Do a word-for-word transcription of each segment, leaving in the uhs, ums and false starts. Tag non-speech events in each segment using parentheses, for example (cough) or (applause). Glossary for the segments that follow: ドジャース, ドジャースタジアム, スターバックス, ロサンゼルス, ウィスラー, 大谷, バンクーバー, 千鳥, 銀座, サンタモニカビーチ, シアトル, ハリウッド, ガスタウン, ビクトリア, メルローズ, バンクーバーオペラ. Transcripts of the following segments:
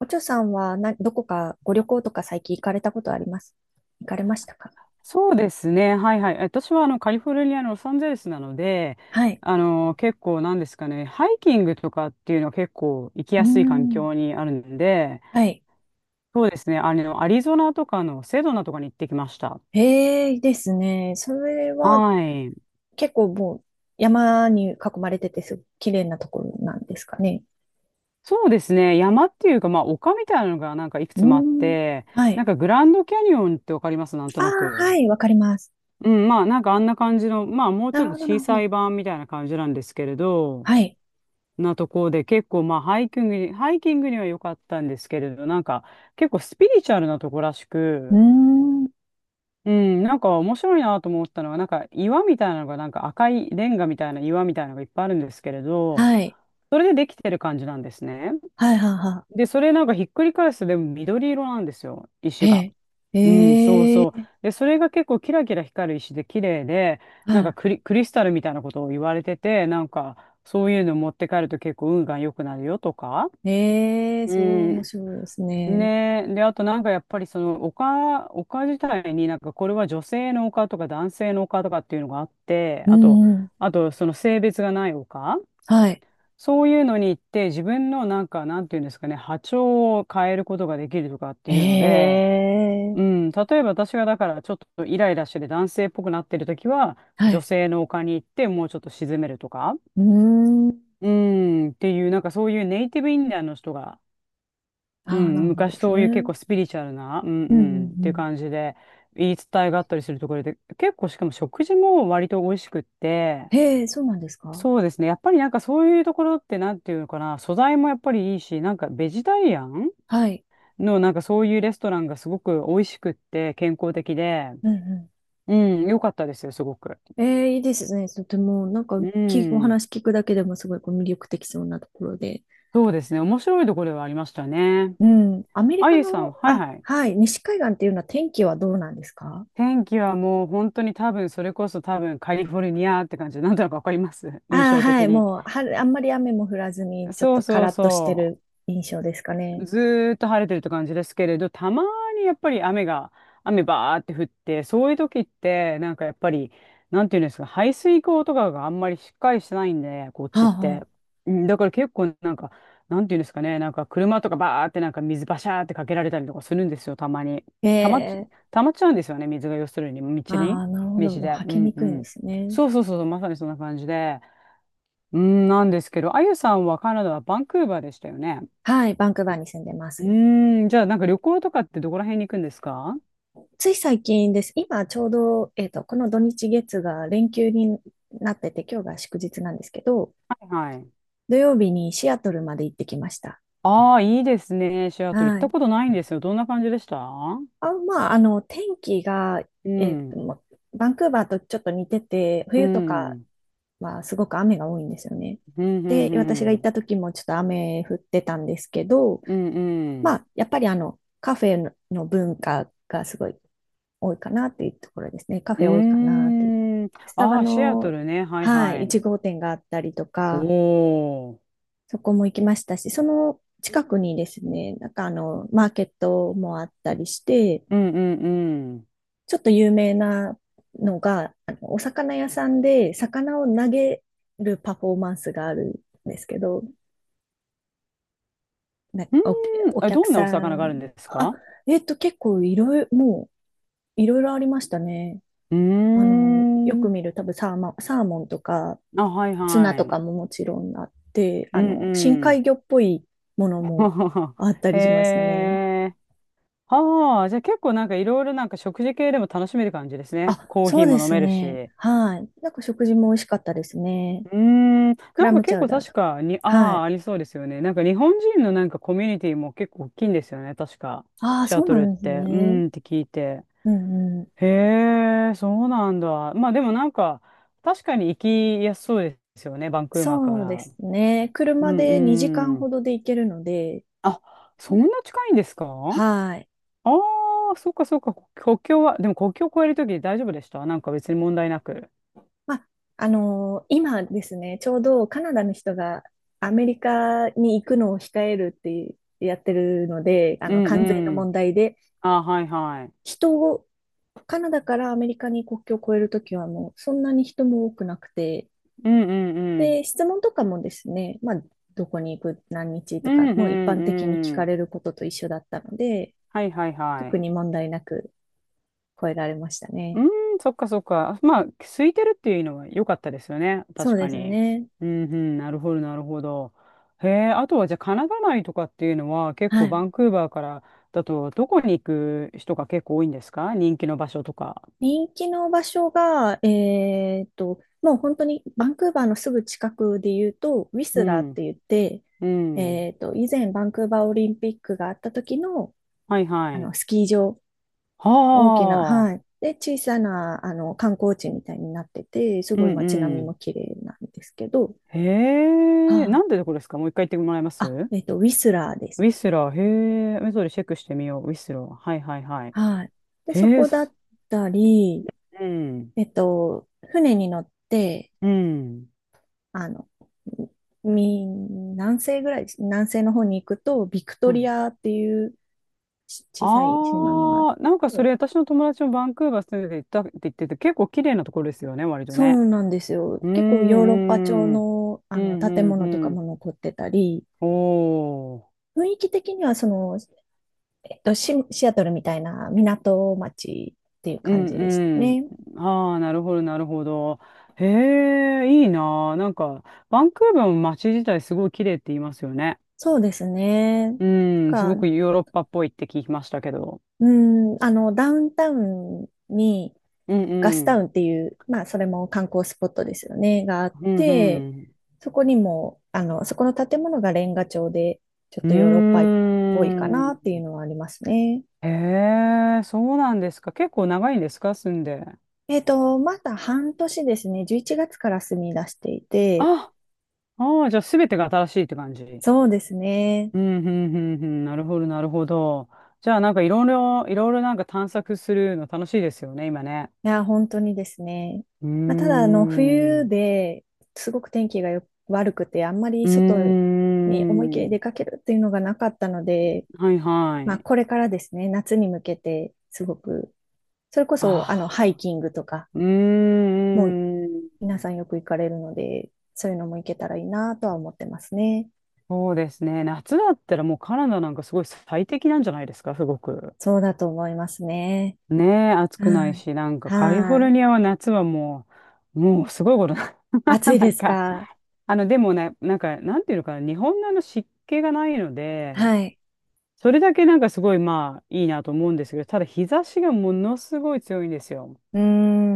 おちょさんはな、どこかご旅行とか最近行かれたことあります行かれましたか？そうですね。はいはい。私はあのカリフォルニアのロサンゼルスなので、はい。あの結構なんですかね、ハイキングとかっていうのは結構行きうーやすい環ん。境にあるんで、はい。そうですね。あのアリゾナとかのセドナとかに行ってきました。へえ、ですね。それははい。結構もう山に囲まれててすごく綺麗なところなんですかね。そうですね。山っていうか、まあ丘みたいなのがなんかいくうつもあっーん。て、はない。んかグランドキャニオンってわかります、なんとあなあ、く？はい、わかります。うん、まあなんかあんな感じの、まあもうなちょっるとほど、な小るほさど。い版みたいな感じなんですけれど、はい。なところで結構まあハイキングに、ハイキングには良かったんですけれど、なんか結構スピリチュアルなとこらしうーく、ん。うん、なんか面白いなと思ったのは、なんか岩みたいなのがなんか赤いレンガみたいな岩みたいなのがいっぱいあるんですけれど、はい。それでできてる感じなんですね。はい、はい、はで、それなんかひっくり返すとでも緑色なんですよ、い。石が。へえ。うん、そうへそう。え。で、それが結構キラキラ光る石で綺麗で、はなんかクリ、クリスタルみたいなことを言われてて、なんかそういうの持って帰ると結構運が良くなるよとか。い。へえ、うすごい面ん。白いですね。ねえ。で、あとなんかやっぱりその丘、丘自体になんかこれは女性の丘とか男性の丘とかっていうのがあって、うあと、んうん。あとその性別がない丘、はい。そういうのに行って自分のなんかなんていうんですかね、波長を変えることができるとかってへいうので、うえ。ん、例えば私がだからちょっとイライラしてて男性っぽくなってる時はは女い。性の丘に行ってもうちょっと沈めるとか、うーん。うん、っていうなんかそういうネイティブインディアンの人が、うああ、なるん、ほど昔ですそね。ういうう結ん構スピリチュアルな、うんううんんっうていうん。感じで言い伝えがあったりするところで、結構しかも食事も割と美味しくって、へえ、そうなんですか？そうですね、やっぱりなんかそういうところってなんていうのかな、素材もやっぱりいいし、なんかベジタリアンはい。のなんかそういうレストランがすごく美味しくって健康的で、うんううん、良かったですよ、すごく。ん。ええ、いいですね。とても、なんか、うき、おん、話聞くだけでもすごいこう魅力的そうなところで。そうですね、面白いところではありましたね。うん。アメリあカゆさん、の、はいあ、はい。はい、西海岸っていうのは天気はどうなんですか？天気はもう本当に多分それこそ多分カリフォルニアって感じでなんとなくわかります、印ああー、象は的い、に。もう、は、あんまり雨も降らずに、ちょっそとうカそうラッとしてそう。る印象ですかね。ずーっと晴れてるって感じですけれど、たまにやっぱり雨が、雨バーって降って、そういう時って、なんかやっぱり、なんていうんですか、排水溝とかがあんまりしっかりしてないんで、こっあちっあ、て。あうん、だから結構なんか、なんていうんですかね、なんか車とかバーってなんか水バシャーってかけられたりとかするんですよ、たまに。あえたまっち、え、たまっちゃうんですよね、水が要するに、あ道に、あ、なるほ道ど。もう、で。履うきんにうくいんでん。すね。そうそうそうそう、まさにそんな感じで。うん、なんですけど、あゆさんはカナダはバンクーバーでしたよね。はい、バンクーバーに住んでまうす。ーん、じゃあなんか旅行とかってどこら辺に行くんですか？つい最近です。今ちょうど、えっと、この土日月が連休になってて、今日が祝日なんですけど、はいはい。土曜日にシアトルまで行ってきました。ああ、いいですね。シアトル行っはたい。ことないんですよ。どんな感じでした？あ、まあ、あの、天気が、うえっん、と、まバンクーバーとちょっと似てて、う冬とん、うかん、はすごく雨が多いんですよね。うん、で、う私が行っん、た時もちょっと雨降ってたんですけど、うんうまん。あ、やっぱりあの、カフェの文化がすごい多いかなというところですね。カフェ多いかうなという。ーん。スタあバあ、シアトの、ルね。はいははい、い。いちごうてん号店があったりとおか、お。そこも行きましたし、その近くにですね、なんかあの、マーケットもあったりして、うん、うん、うん。ちょっと有名なのが、あのお魚屋さんで魚を投げるパフォーマンスがあるんですけど、なんうかお、ん、おえ、客どんなさお魚があん、るんですあ、か？えっと、結構いろいろ、もういろいろありましたね。うーあの、よくん。見る多分サーマ、サーモンとか、あ、はいツナはとかい。ももちろんあって、うあん、の、深う海ん。魚っぽいものも (laughs) あったへりしましたね。え。ああ、じゃあ結構なんかいろいろなんか食事系でも楽しめる感じですね。あ、コーそヒうーでも飲すめるし。ね。うはい。なんか食事も美味しかったですね。ーん、クなラんかムチ結ャウ構ダー確とか。かに、あはあ、い。ありそうですよね。なんか日本人のなんかコミュニティも結構大きいんですよね、確か。ああ、シアそうトなルっんですて。うね。ーんって聞いて。うんうん。へえ、そうなんだ。まあでもなんか、確かに行きやすそうですよね、バンクーバーかそうでら。すね。う車んでにじかんうほん。どで行けるので、あ、そんな近いんですか？はい。ああ、そっかそっか、こ国境は、でも国境を越えるとき大丈夫でした、なんか別に問題なく？まあ、あのー今ですね、ちょうどカナダの人がアメリカに行くのを控えるってやってるので、あうの、ん関税のうん。問題で、ああ、はいはい。人を、カナダからアメリカに国境を越えるときはもうそんなに人も多くなくて、うんうんうん。で、質問とかもですね、まあ、どこに行く、何日うとんか、うもう一般的に聞んうかん。れることと一緒だったので、はいはいは特い。に問題なく越えられましたうね。ん、そっかそっか。まあ、空いてるっていうのは良かったですよね、そ確うでかすに。ね。うんうん、なるほどなるほど。へえ、あとはじゃあカナダ内とかっていうのは結は構い。バンクーバーからだとどこに行く人が結構多いんですか、人気の場所とか。人気の場所が、えーっと、もう本当にバンクーバーのすぐ近くで言うと、ウィうスラーっん、て言って、うん。えーっと、以前バンクーバーオリンピックがあった時の、はいはあい。の、スキー場は大きな、はい。あ、で、小さな、あの、観光地みたいになってて、すうごんい街並うみん。も綺麗なんですけど、へえ、はない。んでこれですか、もう一回言ってもらえまあ、す？えっと、ウィスラーでウす。ィスラー、へえ、目れりチェックしてみよう、ウィスラー。はいはいはい。はい。で、へそえ、こだす、ったり、うん、えっと、船に乗って、うん。あの、み、南西ぐらい、南西の方に行くと、ビクトはリい。アっていうし小さい島もあって、ああ、なんかそれ私の友達もバンクーバー住んでて行ったって言ってて、結構綺麗なところですよね、割とそね。うなんですよ。う結構ヨーロッパ調ん、うん、の、うあのん、建うん、物とかうん。も残ってたり、おー、雰囲気的にはそのえっと、シ、シアトルみたいな港町っていうう感じでしたんね。うん。ああ、なるほど、なるほど。へえ、いいなあ。なんか、バンクーバーの街自体すごい綺麗って言いますよね。そうですね。うなんん、すごか、くヨーロッパっぽいって聞きましたけど。うん、あの、ダウンタウンにうんガスうタん。ウンっていう、まあ、それも観光スポットですよね、があっうて、んそこにも、あの、そこの建物がレンガ調で、ちょっうとヨーロッパっぽいかん。うなっていーうん。のはありますね。へえ、そうなんですか。結構長いんですか、住んで？えっと、まだ半年ですね、じゅういちがつから住み出していて、あ、ああ、じゃあ全てが新しいって感じ。そうですね。うん、うん、うん、うん。なるほど、なるほど。じゃあ、なんかいろいろ、いろいろなんか探索するの楽しいですよね、今ね。いや、本当にですね。うーまあ、ただ、あの、ん。冬うですごく天気がよ悪くて、あんまりー外に思い切りん。出かけるっていうのがなかったので、はいはまあ、い。これからですね、夏に向けて、すごく、それこそ、あの、ハイあキングとか、あ。うーもうん。皆さんよく行かれるので、そういうのも行けたらいいなとは思ってますね。そうですね。夏だったらもうカナダなんかすごい最適なんじゃないですか、すごく。そうだと思いますね。ねえ、暑くなはいい。し、なんかカリフォはルニアい。は夏はもう、もうすごいことな。暑い (laughs) なでんすか、か？あの、でもね、なんか、なんていうのかな、日本のあの湿気がないので、はい。それだけなんかすごいまあいいなと思うんですけど、ただ日差しがものすごい強いんですよ。うー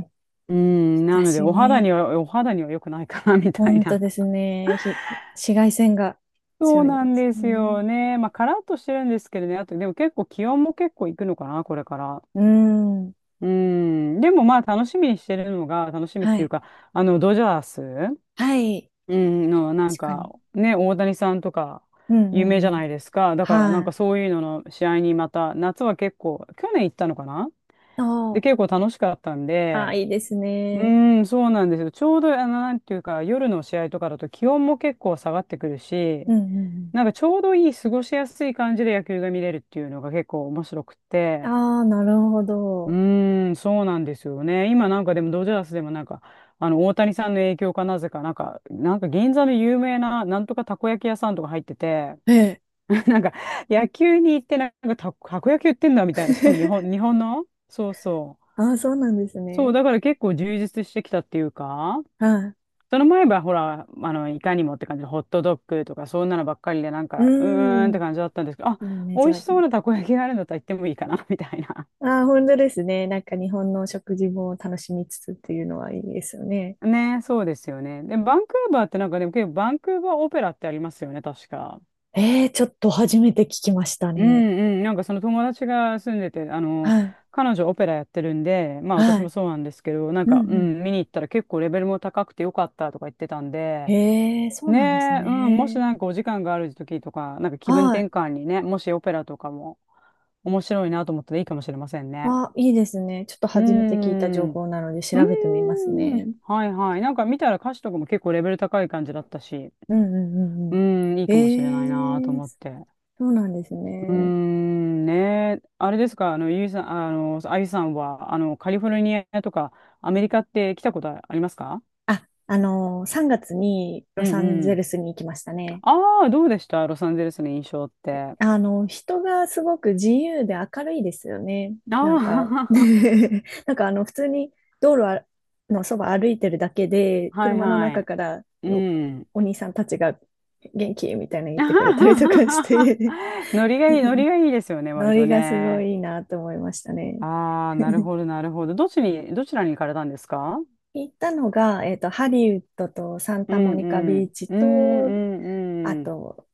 ん。日うん、な差ので、しお肌にね。は、お肌には良くないかな、みたい本当な。です (laughs) ね。ひ、紫外線がそ強ういでなんすですね。よね。まあ、カラッとしてるんですけどね。あと、でも結構気温も結構いくのかな、これから。うーん。うん。でもまあ、楽しみにしてるのが、楽しみっはていうい。か、あの、ドジャース、はい。うん、の、なん確かに。か、ね、大谷さんとか、うんう有名じゃんうん。ないですか。だから、なんはかい。そういうのの試合にまた、夏は結構、去年行ったのかな？あで、ー結構楽しかったんあー、で、いいですうね。ーん、そうなんですよ。ちょうど、あの、なんていうか、夜の試合とかだと気温も結構下がってくるうし、んうんなんかちょうどいい過ごしやすい感じで野球が見れるっていうのが結構面白くうん。て、ああ、なるほうど。ーん、そうなんですよね。今なんかでもドジャースでもなんか、あの、大谷さんの影響かなぜか、なんか、なんか銀座の有名な、なんとかたこ焼き屋さんとか入ってて、ええ。(laughs) なんか野球に行ってなんかた、たこ焼き売ってんだみたいな。しかも日本、(laughs) 日本のそうそう。ああ、そうなんですそう、ね。だから結構充実してきたっていうか、はい。その前はほら、あの、いかにもって感じで、ホットドッグとか、そんなのばっかりで、なんうか、うーんってん。感じだったんですけど、あ、そのイメー美ジ味あしりそまうす。なたこ焼きがあるんだったら行ってもいいかな、(laughs) みたいな。ああ、本当ですね。なんか日本の食事も楽しみつつっていうのはいいですよね。(laughs) ね、そうですよね。で、バンクーバーってなんか、でも結構、バンクーバーオペラってありますよね、確か。ええ、ちょっと初めて聞きましたうんね。うん、なんかその友達が住んでて、あの、はい。彼女オペラやってるんで、まあは私もい。そうなんですけど、なんうか、うんうん。ん、見に行ったら結構レベルも高くてよかったとか言ってたんで、へえ、そうなんですねえ、うん、もしね。なんかお時間がある時とか、なんか気分はい。転換にね、もしオペラとかも面白いなと思ったらいいかもしれませんね。あ、いいですね。ちょっとうー初めて聞いた情ん、う報なので調べてみますーん、ね。はいはい。なんか見たら歌詞とかも結構レベル高い感じだったし、うんうんうんううーん。ん、いいかもしれないなとええ、思って。そうなんですうーね。ん、ねえ、あれですか、あの、ゆいさん、あの、あゆさんは、あの、カリフォルニアとかアメリカって来たことありますか？あ、あのー、さんがつにうロんサンうゼルん。スに行きましたね。ああ、どうでしたロサンゼルスの印象って。ああの、人がすごく自由で明るいですよね。なんか (laughs) あ (laughs) なんかあの、普通に道路あのそば歩いてるだけで、はい車のは中い。からうお、ん。お兄さんたちが元気みたいなの言ってくれたりとかし (laughs) て ノリがいい、ノリ (laughs) がいいですよね、割ノとリがすごね。いいいなと思いましたね。ああ、なる (laughs) ほど、なるほど。どっちに、どちらに行かれたんですか？行ったのが、えっと、ハリウッドとサンうタモんニカうビん。ーチうんうと、あんうん。と、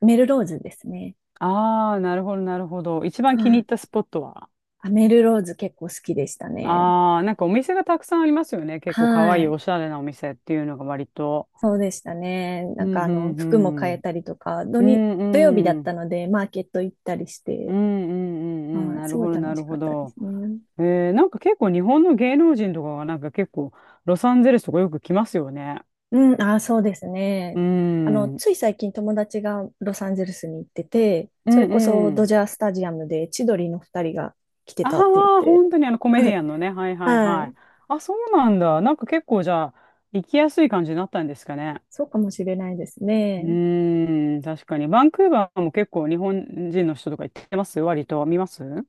メルローズですね。ああ、なるほど、なるほど。一番は気に入っい。たスポットは？あ、メルローズ結構好きでしたね。ああ、なんかお店がたくさんありますよね。結構かわはいい、おい。しゃれなお店っていうのが割と。そうでしたね。うなんんかあうの、服も変んうえん。たりとか、土うに、土曜日だんうったん。ので、マーケット行ったりしうんて、うんうんうん、はい、なするごいほど、な楽しるかほったでど。すね。えー、なんか結構日本の芸能人とかがなんか結構ロサンゼルスとかよく来ますよね。うん、あー、そうですうね。あの、ん。うんつい最近友達がロサンゼルスに行ってて、うそれこそドん。ジャースタジアムで千鳥の二人が来てあたって言っあ、て、本当にあの (laughs) コメはディい、アンのね。はいはいははい。い。あ、そうなんだ。なんか結構じゃあ、行きやすい感じになったんですかね。そうかもしれないですうね。ーん、確かに。バンクーバーも結構日本人の人とか行ってます割と。見ますう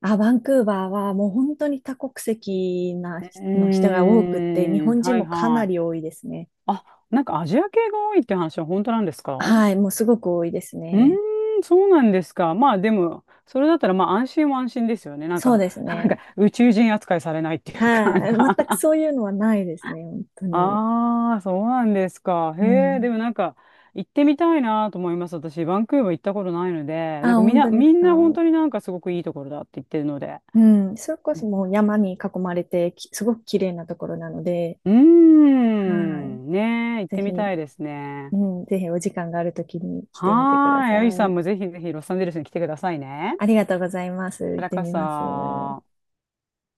あ、バンクーバーはもう本当に多国籍なーの人が多くって、日ん、本人はいもかはない。り多いですね。あ、なんかアジア系が多いって話は本当なんですか？はい、もうすごく多いですうね。ーん、そうなんですか。まあでも、それだったらまあ安心は安心ですよね。なんそうか、です (laughs) なんね。か宇宙人扱いされないっていうか、なんはい、全くか そう (laughs) いうのはないですね、本当に。ああ、そうなんですか。うへえ、でん。もなんか、行ってみたいなと思います。私、バンクーバー行ったことないので、なんあ、かみん本な、当でみすんか？な本当になんかすごくいいところだって言ってるので。うん、それこそもう山に囲まれて、きすごく綺麗なところなので、うーはい、ん、ねえ、行っぜてひ、みたいですうね。ん、ぜひお時間があるときに来てみてくだはーさい、あゆさい。んもぜひぜひロサンゼルスに来てくださいね。こありがとうございます。ち行っらてこみそ。ます。